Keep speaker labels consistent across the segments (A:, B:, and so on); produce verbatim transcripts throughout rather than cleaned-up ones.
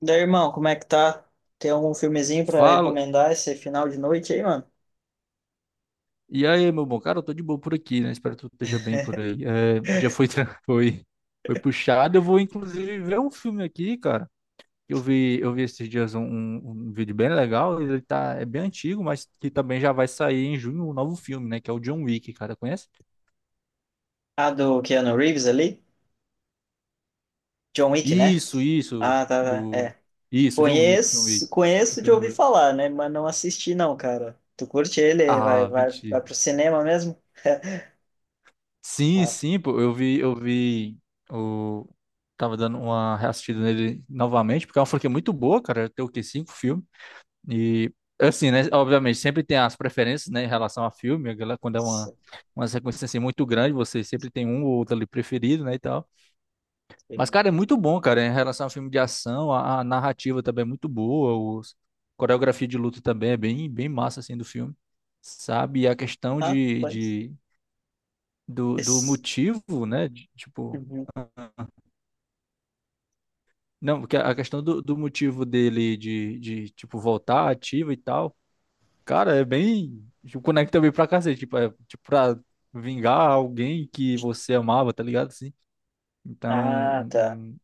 A: Daí, irmão, como é que tá? Tem algum filmezinho pra
B: Fala.
A: recomendar esse final de noite aí, mano?
B: E aí, meu bom? Cara, eu tô de boa por aqui, né? Espero que tu esteja bem por aí. É, já foi, tra- foi, foi puxado. Eu vou, inclusive, ver um filme aqui, cara. Eu vi, eu vi esses dias um, um- um vídeo bem legal. Ele tá, é bem antigo, mas que também já vai sair em junho um novo filme, né? Que é o John Wick, cara. Conhece?
A: Ah, do Keanu Reeves ali? John Wick, né?
B: Isso, isso.
A: Ah, tá, tá,
B: Do...
A: é.
B: Isso, John Wick, John Wick.
A: Conheço, conheço de
B: Keanu
A: ouvir
B: Reeves.
A: falar, né? Mas não assisti não, cara. Tu curte ele? Vai,
B: Ah,
A: vai,
B: mentira.
A: vai pro cinema mesmo?
B: Sim,
A: Rapaz,
B: sim, pô, eu vi, eu vi o tava dando uma reassistida nele novamente, porque é uma franquia muito boa, cara, tem o quê? Cinco filmes. E assim, né, obviamente, sempre tem as preferências, né, em relação a filme, a galera, quando é uma uma sequência assim muito grande, você sempre tem um ou outro ali preferido, né, e tal. Mas cara, é muito bom, cara, em relação a filme de ação, a, a narrativa também é muito boa, os coreografia de luta também é bem bem massa assim do filme. Sabe? E a questão de,
A: rapaz.
B: de do, do
A: Esse-
B: motivo, né? de- tipo,
A: Uhum.
B: não, porque a questão do, do motivo dele de, de, tipo, voltar ativo e tal, cara, é bem. Tipo, conecta bem pra cacete, tipo, é, tipo, pra vingar alguém que você amava, tá ligado? Assim. Então, um-
A: Ah, tá.
B: um-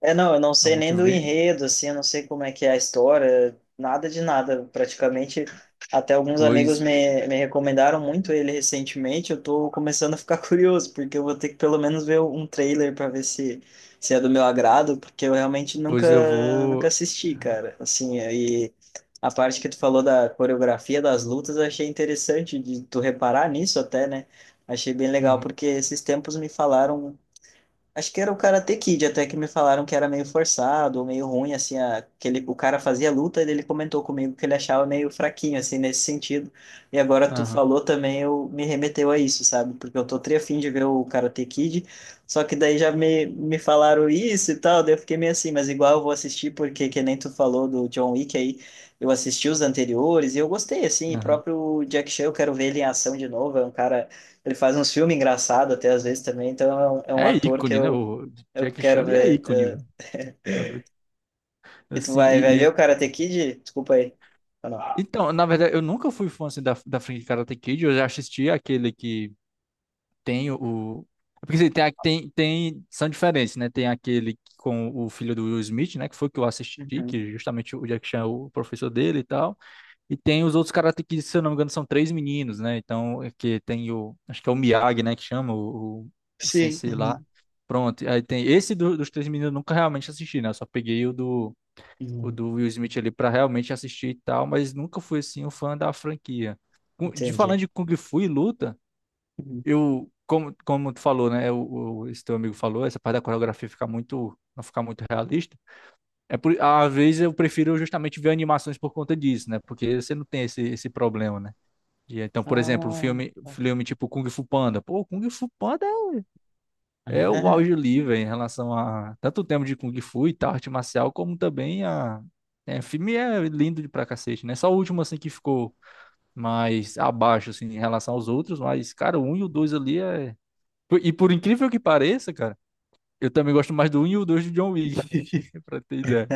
A: É, não, eu não
B: é um
A: sei nem
B: motivo
A: do
B: bem.
A: enredo, assim, eu não sei como é que é a história, nada de nada, praticamente. Até alguns amigos
B: Pois,
A: me, me recomendaram muito ele recentemente, eu tô começando a ficar curioso, porque eu vou ter que pelo menos ver um trailer para ver se, se é do meu agrado, porque eu realmente nunca,
B: pois eu
A: nunca
B: vou.
A: assisti, cara. Assim, e a parte que tu falou da coreografia das lutas, eu achei interessante de tu reparar nisso até, né? Achei bem legal,
B: Uhum,
A: porque esses tempos me falaram. Acho que era o Karate Kid, até que me falaram que era meio forçado, meio ruim, assim, a, que ele, o cara fazia luta e ele comentou comigo que ele achava meio fraquinho, assim, nesse sentido. E agora tu
B: aham,
A: falou também, eu me remeteu a isso, sabe? Porque eu tô tri afim de ver o Karate Kid, só que daí já me, me falaram isso e tal, daí eu fiquei meio assim, mas igual eu vou assistir, porque que nem tu falou do John Wick aí, eu assisti os anteriores e eu gostei, assim, e
B: aham.
A: próprio Jack Chan, eu quero ver ele em ação de novo, é um cara, ele faz uns filmes engraçados até às vezes também, então é um, é um
B: É
A: ator que
B: ícone, né?
A: eu,
B: O
A: eu
B: Jack
A: quero
B: Chan é
A: ver.
B: ícone,
A: É.
B: velho. Tá doido.
A: E tu
B: Assim,
A: vai, vai
B: e,
A: ver
B: e-
A: o Karate Kid? Desculpa aí. Ou não?
B: então, na verdade, eu nunca fui fã assim, da, da franquia Karate Kid. Eu já assisti aquele que tem o. É porque assim, tem, a- tem, tem. São diferentes, né? Tem aquele com o filho do Will Smith, né? Que foi o que eu assisti,
A: Uhum.
B: que justamente o Jack Chan é o professor dele e tal. E tem os outros caras que, se eu não me engano, são três meninos, né? Então, é que tem o. Acho que é o Miyagi, né? Que chama o, o, o
A: Sim.
B: sensei lá.
A: Uhum.
B: Pronto. Aí tem esse do- dos três meninos, eu nunca realmente assisti, né? Eu só peguei o do, o
A: Uhum.
B: do Will Smith ali pra realmente assistir e tal, mas nunca fui assim um fã da franquia. Cu- De falando
A: Entendi.
B: de Kung Fu e luta
A: Uhum.
B: eu, como, como tu falou, né? O, o- esse teu amigo falou, essa parte da coreografia fica muito, não ficar muito realista. É por, às vezes eu prefiro justamente ver animações por conta disso, né? Porque você não tem esse, esse problema, né? E então, por exemplo, um
A: Ah,
B: filme,
A: tá.
B: filme tipo Kung Fu Panda. Pô, Kung Fu Panda é o auge livre em relação a tanto o tema de Kung Fu e tal, arte marcial, como também a. É, o filme é lindo de pra cacete, né? Só o último assim que ficou mais abaixo assim em relação aos outros, mas cara, o um e o dois ali é por- e por incrível que pareça, cara, eu também gosto mais do um e o dois de John Wick, pra ter ideia.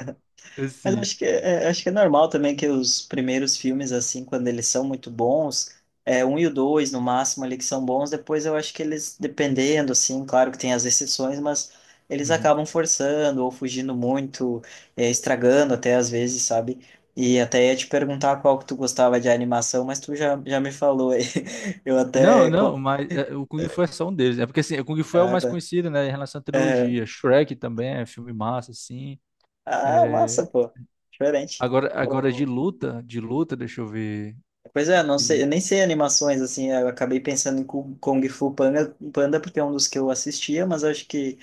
A: Mas
B: Assim.
A: acho que é, é, acho que é normal também que os primeiros filmes, assim, quando eles são muito bons, é um e o dois, no máximo, ali que são bons, depois eu acho que eles, dependendo, assim, claro que tem as exceções, mas eles
B: Uhum.
A: acabam forçando ou fugindo muito, é, estragando até às vezes, sabe? E até ia te perguntar qual que tu gostava de animação, mas tu já, já me falou aí. Eu
B: Não,
A: até.
B: não,
A: co-
B: mas é, o Kung Fu é só um deles. É porque assim, o Kung Fu é o
A: Ah,
B: mais
A: tá.
B: conhecido, né, em relação à
A: Aham.
B: trilogia. Shrek também é filme massa, assim.
A: Ah, massa,
B: É,
A: pô. Diferente.
B: Agora, agora de luta, de luta, deixa eu ver.
A: Pois é, não sei,
B: Que-
A: eu nem sei animações, assim, eu acabei pensando em Ku- Kung Fu Panda, Panda porque é um dos que eu assistia, mas acho que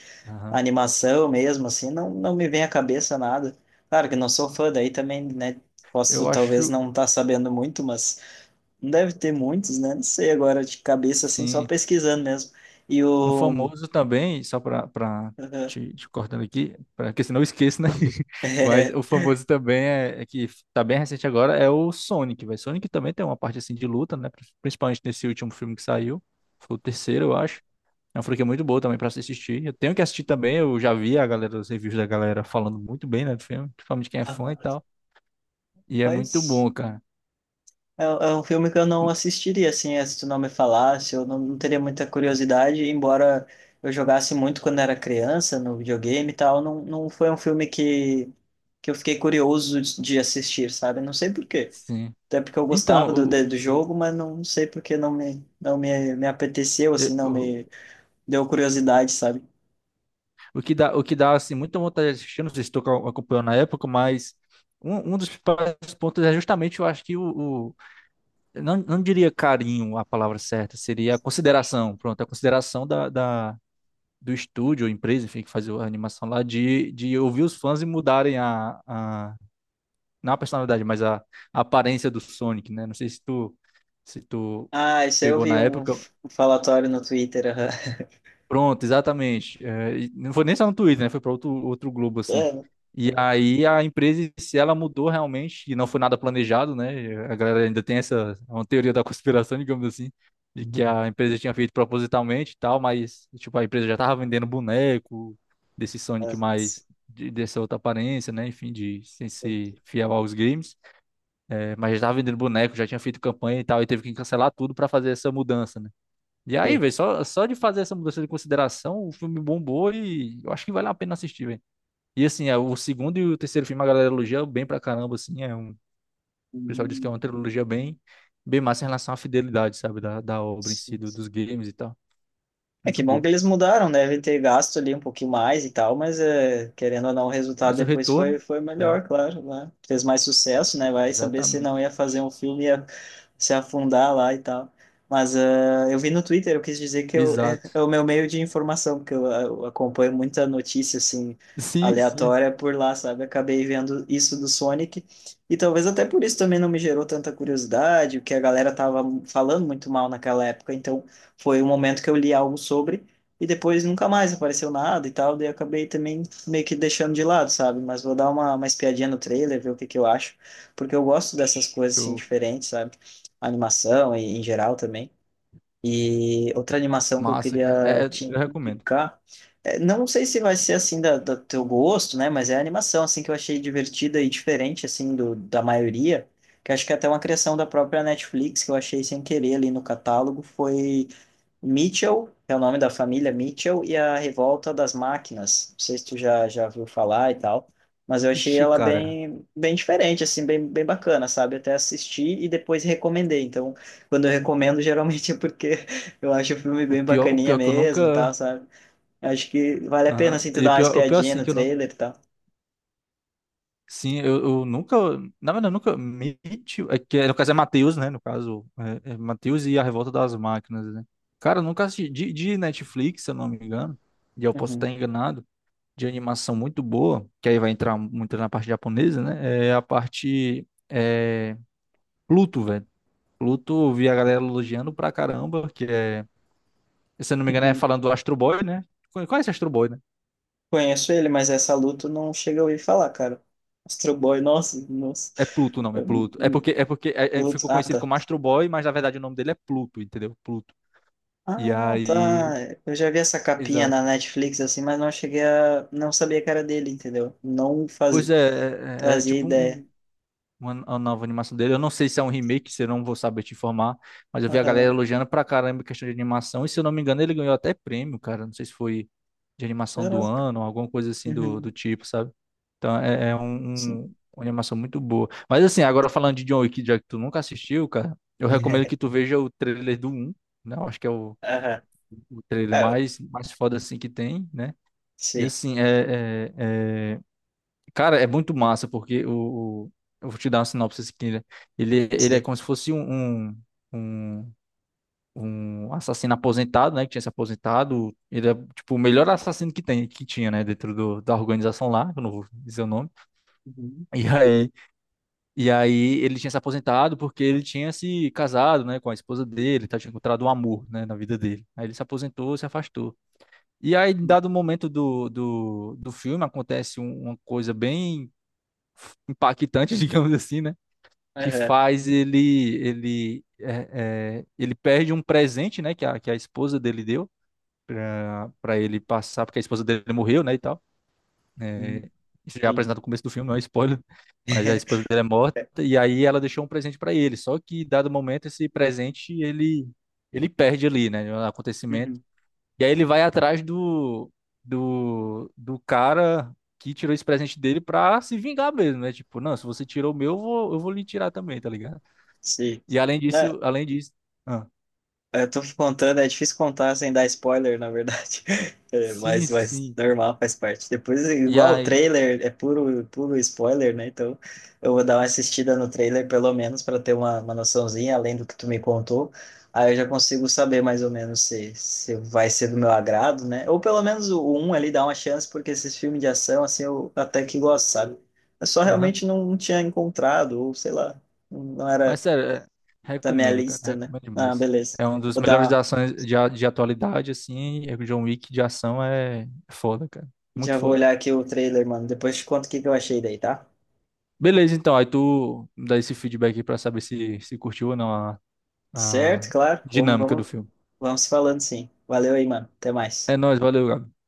A: a
B: aham.
A: animação mesmo, assim, não, não me vem à cabeça nada. Claro que não sou fã, daí também, né,
B: Eu
A: posso talvez
B: acho,
A: não estar sabendo muito, mas não deve ter muitos, né, não sei agora de cabeça, assim, só
B: sim.
A: pesquisando mesmo. E
B: Um
A: o...
B: famoso também, só para te, te cortando aqui, para que senão eu esqueço, né? Mas
A: É.
B: o famoso também é, é que tá bem recente agora, é o Sonic, velho. Sonic também tem uma parte assim de luta, né? Pri- principalmente nesse último filme que saiu. Foi o terceiro, eu acho. É uma franquia muito boa também para se assistir. Eu tenho que assistir também, eu já vi a galera, os reviews da galera falando muito bem, né, do filme, principalmente quem é fã e tal. E é muito
A: Mas...
B: bom, cara.
A: É, é um filme que eu não assistiria, assim, é, se tu não me falasse, eu não, não teria muita curiosidade, embora eu jogasse muito quando era criança, no videogame e tal, não, não foi um filme que, que eu fiquei curioso de de assistir, sabe? Não sei por quê.
B: Sim.
A: Até porque eu
B: Então,
A: gostava do, de- do
B: o, o,
A: jogo, mas não sei por que não me, não me, me apeteceu, assim, não
B: o-
A: me deu curiosidade, sabe?
B: o que dá, o que dá assim, muita vontade de assistir, não sei se tu ac- acompanhou na época, mas um, um dos principais pontos é justamente, eu acho que o, o- eu não, não diria carinho a palavra certa, seria a consideração, pronto, a consideração da, da- do estúdio, ou empresa, enfim, que faz a animação lá, de, de ouvir os fãs e mudarem a, a, não a personalidade, mas a, a aparência do Sonic, né? Não sei se tu, se tu
A: Ah, isso aí eu
B: pegou
A: vi
B: na
A: um,
B: época.
A: f- um falatório no Twitter. Aham.
B: Pronto, exatamente. É, e não foi nem só no Twitter, né? Foi para outro, outro Globo, assim.
A: É,
B: E
A: é.
B: aí a empresa, se ela mudou realmente, e não foi nada planejado, né? A galera ainda tem essa uma teoria da conspiração, digamos assim, de que a empresa tinha feito propositalmente e tal, mas, tipo, a empresa já tava vendendo boneco desse
A: Ah,
B: Sonic mais,
A: sim.
B: de- dessa outra aparência, né? Enfim, de sem ser fiel aos games. É, mas já tava vendendo boneco, já tinha feito campanha e tal, e teve que cancelar tudo para fazer essa mudança, né? E aí, velho, só, só de fazer essa mudança de consideração, o filme bombou e eu acho que vale a pena assistir, velho. E assim, é, o segundo e o terceiro filme a galera elogia bem pra caramba, assim, é um, o pessoal diz que é uma
A: Hum,
B: trilogia bem, bem massa em relação à fidelidade, sabe, da, da obra em si,
A: sim.
B: do- dos games e tal.
A: É
B: Muito
A: que bom que
B: boa.
A: eles mudaram, né? Devem ter gasto ali um pouquinho mais e tal, mas é, querendo ou não, o resultado
B: Mas o
A: depois
B: retorno,
A: foi, foi
B: né?
A: melhor, claro, né? Fez mais sucesso, né? Vai saber se não
B: Exatamente.
A: ia fazer um filme, ia se afundar lá e tal. Mas é, eu vi no Twitter, eu quis dizer que eu, é,
B: Exato.
A: é o meu meio de informação, porque eu, eu acompanho muita notícia, assim,
B: Sim, sim.
A: aleatória por lá, sabe? Acabei vendo isso do Sonic, e talvez até por isso também não me gerou tanta curiosidade, o que a galera tava falando muito mal naquela época, então foi o momento que eu li algo sobre e depois nunca mais apareceu nada e tal, daí eu acabei também meio que deixando de lado, sabe? Mas vou dar uma, uma espiadinha no trailer, ver o que que eu acho, porque eu gosto dessas coisas assim
B: Show.
A: diferentes, sabe? Animação e em geral também. E outra animação que eu
B: Massa, cara.
A: queria
B: É, é,
A: te
B: eu recomendo.
A: indicar, é, não sei se vai ser assim da, do teu gosto, né? Mas é a animação assim que eu achei divertida e diferente assim do, da maioria. Que acho que é até uma criação da própria Netflix que eu achei sem querer ali no catálogo foi Mitchell, é o nome da família Mitchell, e a Revolta das Máquinas. Não sei se tu já, já viu falar e tal, mas eu achei
B: Vixe,
A: ela
B: cara.
A: bem, bem diferente, assim, bem, bem bacana, sabe? Até assisti e depois recomendei. Então, quando eu recomendo, geralmente é porque eu acho o filme
B: O
A: bem
B: pior, o
A: bacaninha
B: pior que eu
A: mesmo e tal,
B: nunca.
A: sabe? Acho que vale a pena,
B: Aham.
A: assim, tu
B: E o
A: dar uma
B: pior, o pior,
A: espiadinha
B: assim,
A: no
B: que eu nunca
A: trailer e tal.
B: Sim, eu, eu nunca, na verdade, eu nunca me, tive- é que no caso é Matheus, né? No caso, é, é Matheus e a Revolta das Máquinas, né? Cara, eu nunca assisti, de, de Netflix, se eu não me engano, e eu posso
A: Uhum.
B: estar enganado, de animação muito boa, que aí vai entrar muito na parte japonesa, né? É a parte, é, Pluto, velho. Pluto, eu vi a galera elogiando pra caramba, que é, se eu não me engano, é
A: Uhum.
B: falando do Astro Boy, né? Conhece Astro Boy, né?
A: Conheço ele, mas essa luta não chega a ouvir falar, cara. Astro Boy, nossa, nossa.
B: É Pluto o nome, Pluto. É porque, é porque é- é-
A: Luto-
B: ficou
A: Ah,
B: conhecido
A: tá.
B: como Astro Boy, mas na verdade o nome dele é Pluto, entendeu? Pluto. E
A: Ah,
B: aí.
A: tá. Eu já vi essa capinha
B: Exato.
A: na Netflix, assim, mas não cheguei a. Não sabia que era dele, entendeu? Não
B: Pois
A: fazia,
B: é, é, é- é
A: Fazia
B: tipo
A: ideia.
B: um. uma, uma nova animação dele. Eu não sei se é um remake, se eu não vou saber te informar, mas eu vi a galera
A: Aham.
B: elogiando pra caramba a questão de animação, e se eu não me engano, ele ganhou até prêmio, cara. Não sei se foi de animação do
A: Caraca.
B: ano, alguma coisa assim do,
A: Uhum.
B: do tipo, sabe? Então é, é um,
A: Sim.
B: um- uma animação muito boa. Mas assim, agora falando de John Wick, já que tu nunca assistiu, cara, eu recomendo que tu veja o trailer do um, né? Eu acho que é o,
A: Aham.
B: o trailer
A: Ah,
B: mais, mais foda assim que tem, né? E
A: sim,
B: assim, é, é, é, cara, é muito massa, porque o, o- eu vou te dar uma sinopse aqui, né? Ele, ele é
A: sim.
B: como se fosse um, um, um, um assassino aposentado, né? Que tinha se aposentado. Ele é, tipo, o melhor assassino que tem, que tinha, né? Dentro do, da organização lá, que eu não vou dizer o nome.
A: Uhum.
B: E aí, e aí ele tinha se aposentado porque ele tinha se casado, né? Com a esposa dele, tá? Tinha encontrado um amor, né? Na vida dele. Aí ele se aposentou, se afastou. E aí, em
A: Uhum.
B: dado momento do, do, do filme, acontece um- uma coisa bem impactante, digamos assim, né? Que
A: Aham.
B: faz ele ele é, é, ele perde um presente, né? Que a, que a esposa dele deu para para ele passar, porque a esposa dele morreu, né? E tal.
A: Uhum.
B: É, isso já é
A: Entendi.
B: apresentado no começo do filme, não é spoiler, mas a esposa dele é morta e aí ela deixou um presente para ele. Só que dado momento esse presente ele ele perde ali, né? No acontecimento,
A: Uhum.
B: e aí ele vai atrás do, do, do cara que tirou esse presente dele pra se vingar mesmo, né? Tipo, não, se você tirou o meu, eu vou, eu vou lhe tirar também, tá ligado?
A: Sim.
B: E além
A: É,
B: disso, além disso. Ah,
A: eu tô contando, é difícil contar sem dar spoiler, na verdade. É,
B: sim,
A: mas, mas
B: sim.
A: normal, faz parte. Depois,
B: E
A: igual o
B: aí.
A: trailer, é puro, puro spoiler, né? Então, eu vou dar uma assistida no trailer, pelo menos, para ter uma, uma noçãozinha, além do que tu me contou. Aí eu já consigo saber mais ou menos se, se vai ser do meu agrado, né? Ou pelo menos o um ali dá uma chance, porque esses filmes de ação, assim, eu até que gosto, sabe? Eu só
B: Aham.
A: realmente não, não tinha encontrado, ou sei lá, não
B: Mas
A: era
B: sério, é-
A: da minha
B: recomendo, cara.
A: lista, né?
B: Recomendo
A: Ah,
B: demais.
A: beleza.
B: É um dos
A: Vou dar
B: melhores de
A: uma.
B: ações de, a- de atualidade, assim. É que o John Wick de ação é foda, cara. Muito
A: Já vou
B: foda.
A: olhar aqui o trailer, mano. Depois te conto o que que eu achei daí, tá?
B: Beleza, então. Aí tu dá esse feedback aí pra saber se, se curtiu ou não a, a
A: Certo, claro. Vamos,
B: dinâmica do
A: vamos,
B: filme.
A: vamos falando sim. Valeu aí, mano. Até
B: É
A: mais.
B: nóis, valeu, Gabi.